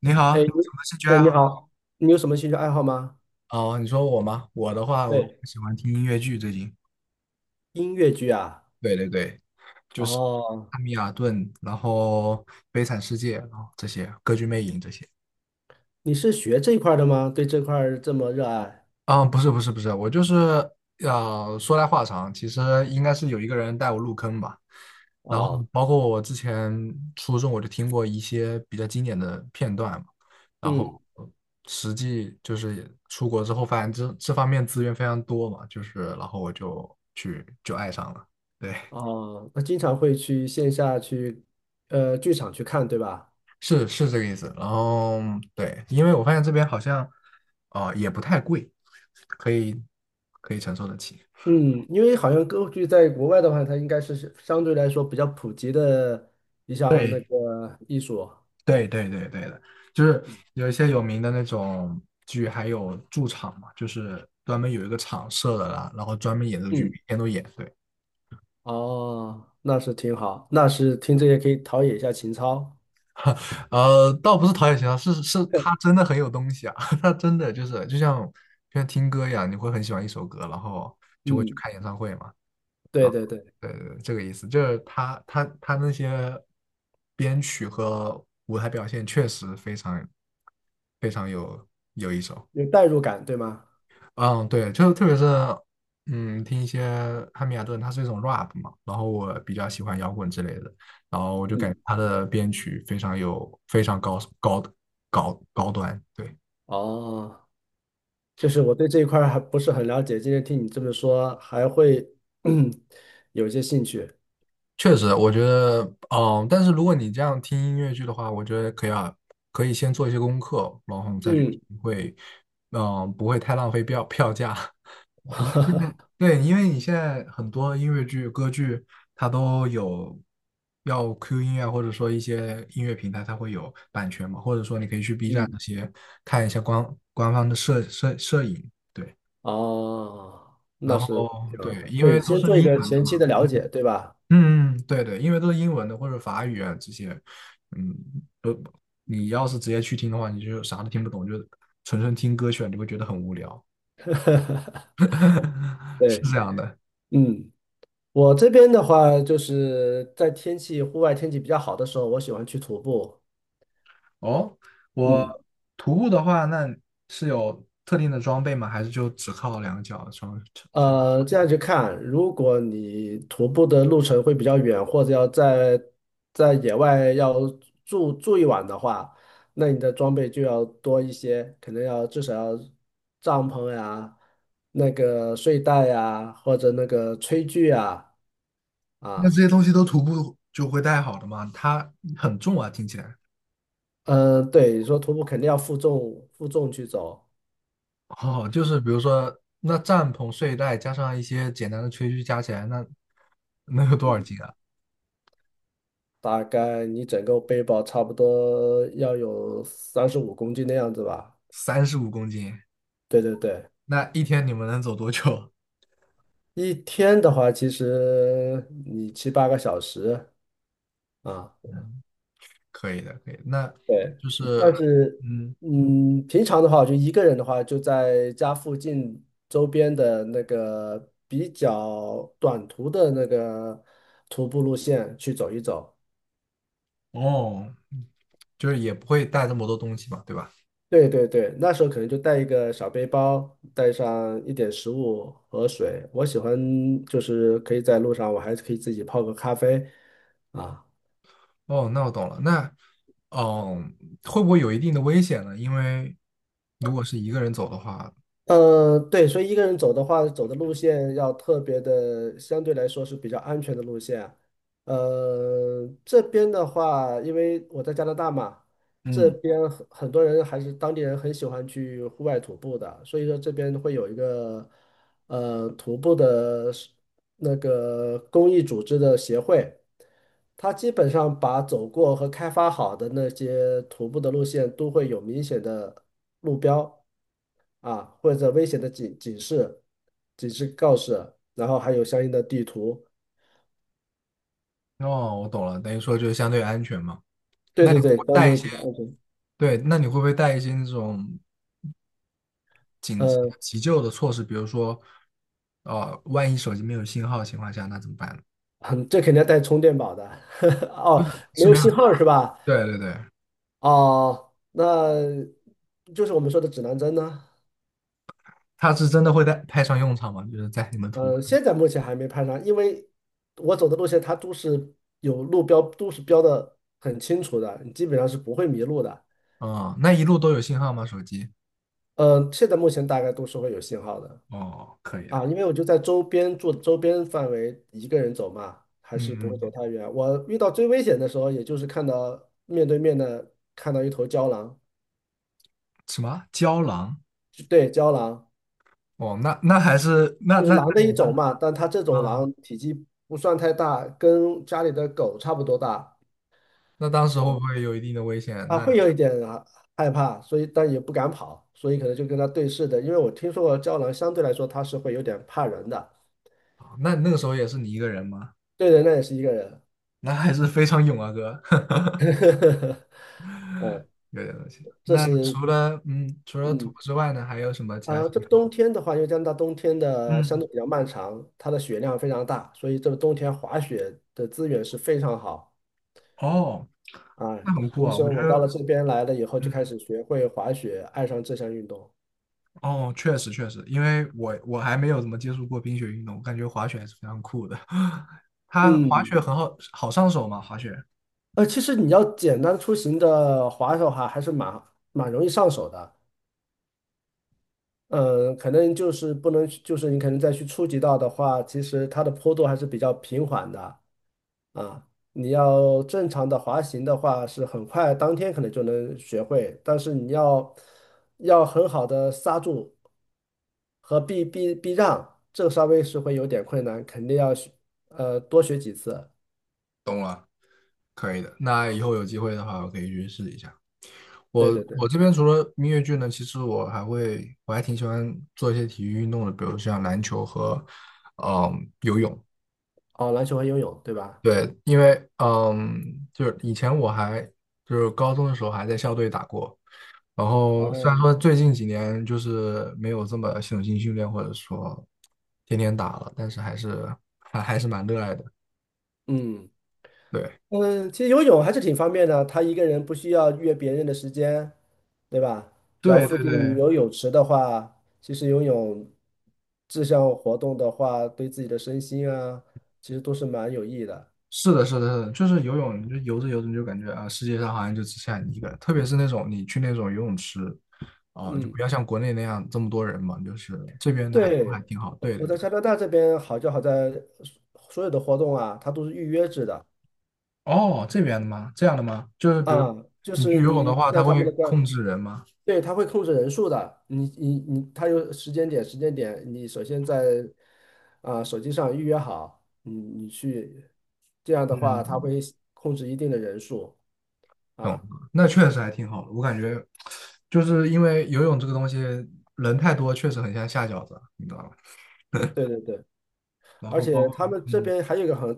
你好，你哎，有你什么兴趣哎，爱你好？好，你有什么兴趣爱好吗？哦，你说我吗？我的话，我对，喜欢听音乐剧，最近音乐剧啊。对对对，就是哦，《汉米尔顿》，然后《悲惨世界》，然后这些《歌剧魅影》这些。你是学这一块儿的吗？对这块儿这么热爱？啊，不是，我就是说来话长，其实应该是有一个人带我入坑吧。然后哦。包括我之前初中我就听过一些比较经典的片段嘛，然嗯。后实际就是出国之后发现这方面资源非常多嘛，就是然后我就去就爱上了，对，哦，那经常会去线下去，剧场去看，对吧？是这个意思。然后对，因为我发现这边好像啊、也不太贵，可以可以承受得起。嗯，因为好像歌剧在国外的话，它应该是相对来说比较普及的一项那对，个艺术。对对对对的，就是有一些有名的那种剧，还有驻场嘛，就是专门有一个场设的啦，然后专门演这个剧，每嗯。天都演。对，哦，那是挺好，那是听这些可以陶冶一下情操。倒不是陶冶情操，是他真的很有东西啊，他真的就是就像听歌一样，你会很喜欢一首歌，然后就会去嗯，看演唱会嘛。对啊，对对，对对，对这个意思，就是他那些编曲和舞台表现确实非常有一手。有代入感，对吗？嗯，对，就是特别是，嗯，听一些汉密尔顿，它是一种 rap 嘛，然后我比较喜欢摇滚之类的，然后我就感嗯。觉他的编曲非常非常端，对，哦，就是我对这一块儿还不是很了解，今天听你这么说，还会 有一些兴趣。确实，我觉得，嗯，但是如果你这样听音乐剧的话，我觉得可以啊，可以先做一些功课，然后再去嗯。听，会，嗯，不会太浪费票价。对，因为你现在很多音乐剧、歌剧，它都有要 Q 音乐，或者说一些音乐平台，它会有版权嘛，或者说你可以去 B 站嗯。那些看一下官方的摄影，对，哦，那然是后挺对，好的。因对，为都先是做一英个文的前嘛，期的了嗯，解，对吧？嗯，对对，因为都是英文的或者法语啊这些，嗯，都你要是直接去听的话，你就啥都听不懂，就纯纯听歌曲啊，你会觉得很无聊。是对。这样的。嗯，我这边的话，就是在户外天气比较好的时候，我喜欢去徒步。哦，我嗯。徒步的话，那是有特定的装备吗？还是就只靠两个脚穿？这样去看，如果你徒步的路程会比较远，或者要在野外要住一晚的话，那你的装备就要多一些，可能要至少要帐篷呀、那个睡袋呀，或者那个炊具呀。那这啊。些东西都徒步就会带好的吗？它很重啊，听起来。嗯。对，你说徒步肯定要负重去走，哦，就是比如说，那帐篷、睡袋加上一些简单的炊具加起来，那能有多少斤啊？大概你整个背包差不多要有35公斤的样子吧。35公斤，对对对。那一天你们能走多久？一天的话，其实你七八个小时啊。嗯，可以的，可以的。那对。就但是，是，嗯，嗯，平常的话，我就一个人的话，就在家附近周边的那个比较短途的那个徒步路线去走一走。哦，就是也不会带这么多东西嘛，对吧？对对对，那时候可能就带一个小背包，带上一点食物和水。我喜欢就是可以在路上，我还可以自己泡个咖啡啊。哦，那我懂了。那，嗯，会不会有一定的危险呢？因为如果是一个人走的话，对，所以一个人走的话，走的路线要特别的，相对来说是比较安全的路线。这边的话，因为我在加拿大嘛，这嗯，边很多人还是当地人很喜欢去户外徒步的，所以说这边会有一个。徒步的是那个公益组织的协会，它基本上把走过和开发好的那些徒步的路线都会有明显的路标啊，或者危险的警示、警示告示，然后还有相应的地图。哦，我懂了，等于说就是相对安全嘛。对那对你会不对，会相带一对些，比较安全。对，那你会不会带一些那种紧急呃，急救的措施？比如说，呃，万一手机没有信号的情况下，那怎么办呢？这肯定要带充电宝的。哦，没是有没有，信号是吧？对对对，哦，那就是我们说的指南针呢。它是真的会带派上用场吗？就是在你们途，现在目前还没攀上，因为我走的路线它都是有路标，都是标的很清楚的，你基本上是不会迷路的。啊、那一路都有信号吗？手机？嗯，现在目前大概都是会有信号的哦，可以的。啊。因为我就在周边住，周边范围一个人走嘛，还是不会嗯，走太远。我遇到最危险的时候，也就是看到面对面的看到一头郊狼。什么胶囊？就对，郊狼哦，那那还是那就是那狼的一种嘛，但它这种嗯，狼体积不算太大，跟家里的狗差不多大。那当时会不嗯会有一定的危险？那会有一点啊害怕，所以但也不敢跑，所以可能就跟他对视的。因为我听说过胶囊相对来说它是会有点怕人的。啊那那个时候也是你一个人吗？对人那也是一个人。那还是非常勇啊，哥，哦。有点东西。这那是除了嗯，除了徒嗯步之外呢，还有什么其他啊，兴趣这冬吗？天的话，因为加拿大冬天的相嗯，对比较漫长，它的雪量非常大，所以这个冬天滑雪的资源是非常好哦，啊。那很酷所以啊，我说觉我到得了这边来了以后，就开嗯，始学会滑雪，爱上这项运动。哦，确实确实，因为我还没有怎么接触过冰雪运动，我感觉滑雪还是非常酷的。它滑嗯。雪好上手嘛，滑雪。其实你要简单出行的滑手哈，还是蛮容易上手的。嗯，可能就是不能去就是你可能再去初级道的话，其实它的坡度还是比较平缓的啊。你要正常的滑行的话，是很快当天可能就能学会，但是你要很好的刹住和避让，这个稍微是会有点困难，肯定要多学几次。懂了，可以的。那以后有机会的话，我可以去试一下。我对对对。我这边除了音乐剧呢，其实我还挺喜欢做一些体育运动的，比如像篮球和，嗯，哦，篮球和游泳，对吧？对，因为嗯，就是以前我还就是高中的时候还在校队打过，然后虽然哦。说最近几年就是没有这么系统性训练或者说天天打了，但是还是蛮热爱的。嗯。对，嗯，其实游泳还是挺方便的，他一个人不需要约别人的时间，对吧？只要对附对近对，有泳池的话，其实游泳这项活动的话，对自己的身心啊，其实都是蛮有益的。是的，就是游泳，你就游着，你就感觉啊，世界上好像就只剩下你一个人，特别是那种你去那种游泳池，啊、就不嗯，要像国内那样这么多人嘛，就是这边的还都对，还挺好。我对我对在对，加拿大这边好就好在所有的活动啊，它都是预约制的哦，这边的吗？这样的吗？就是比如啊。就你去是游泳的你话，它在他会们的官。控制人吗？对，它会控制人数的。你，它有时间点，你首先在手机上预约好，你去，这样的话，它嗯，会控制一定的人数懂了，啊。那确实还挺好的。我感觉就是因为游泳这个东西人太多，确实很像下饺子，你知道吧？对对对。然而后包且括他们这嗯，边还有一个很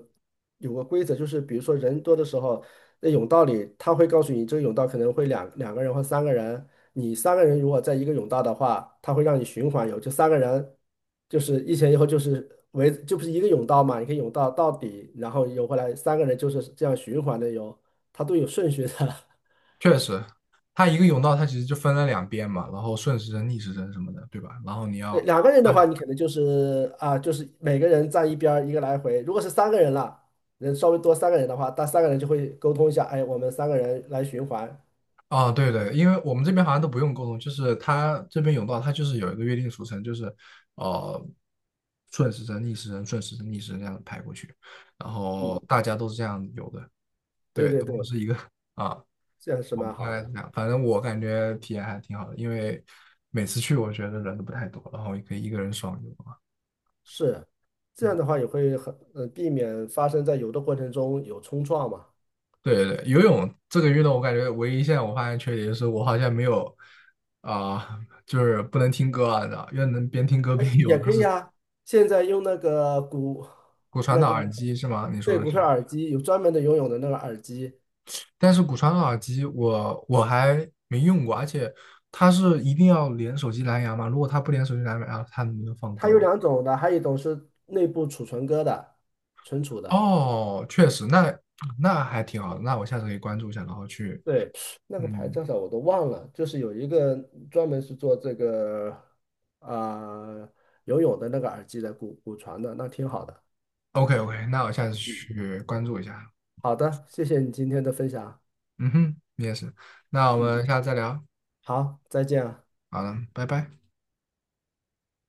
有个规则，就是比如说人多的时候，那甬道里他会告诉你，这个甬道可能会两个人或三个人，你三个人如果在一个甬道的话，他会让你循环游，就三个人就是一前一后就是围，就不是一个甬道嘛，你可以甬道到底，然后游回来，三个人就是这样循环的游，他都有顺序的。确实，它一个甬道，它其实就分了两边嘛，然后顺时针、逆时针什么的，对吧？然后你要两个人的按话，哪？你可能就是啊，就是每个人站一边儿，一个来回。如果是三个人了，人稍微多三个人的话，那三个人就会沟通一下，哎，我们三个人来循环。哦，对对，因为我们这边好像都不用沟通，就是它这边甬道，它就是有一个约定俗成，就是呃顺时针、逆时针、顺时针、逆时针这样排过去，然后嗯，大家都是这样游的，对对，对都不对，是一个啊，这样是我们蛮大好概是的。这样，反正我感觉体验还挺好的，因为每次去我觉得人都不太多，然后也可以一个人爽游啊。是，这样嗯的话也会很，避免发生在游的过程中有冲撞嘛。对对对，游泳这个运动，我感觉唯一现在我发现缺点就是我好像没有啊、就是不能听歌啊，你知道，要能边听歌哎，边游，也那可是以啊。现在用那个骨，骨传那导个耳机是吗？你说对的骨是？髓耳机，有专门的游泳的那个耳机，但是骨传导耳机我还没用过，而且它是一定要连手机蓝牙吗？如果它不连手机蓝牙，它能不能放它歌有呢？两种的，还有一种是内部储存歌的，存储的。哦，确实，那那还挺好的，那我下次可以关注一下，然后去，对，那个牌嗯叫啥我都忘了，就是有一个专门是做这个啊、游泳的那个耳机的骨传的，那挺好的。，OK OK，那我下次嗯，去关注一下。好的，谢谢你今天的分享。嗯哼，你也是，那我嗯，们下次再聊。好，再见啊。好了，拜拜。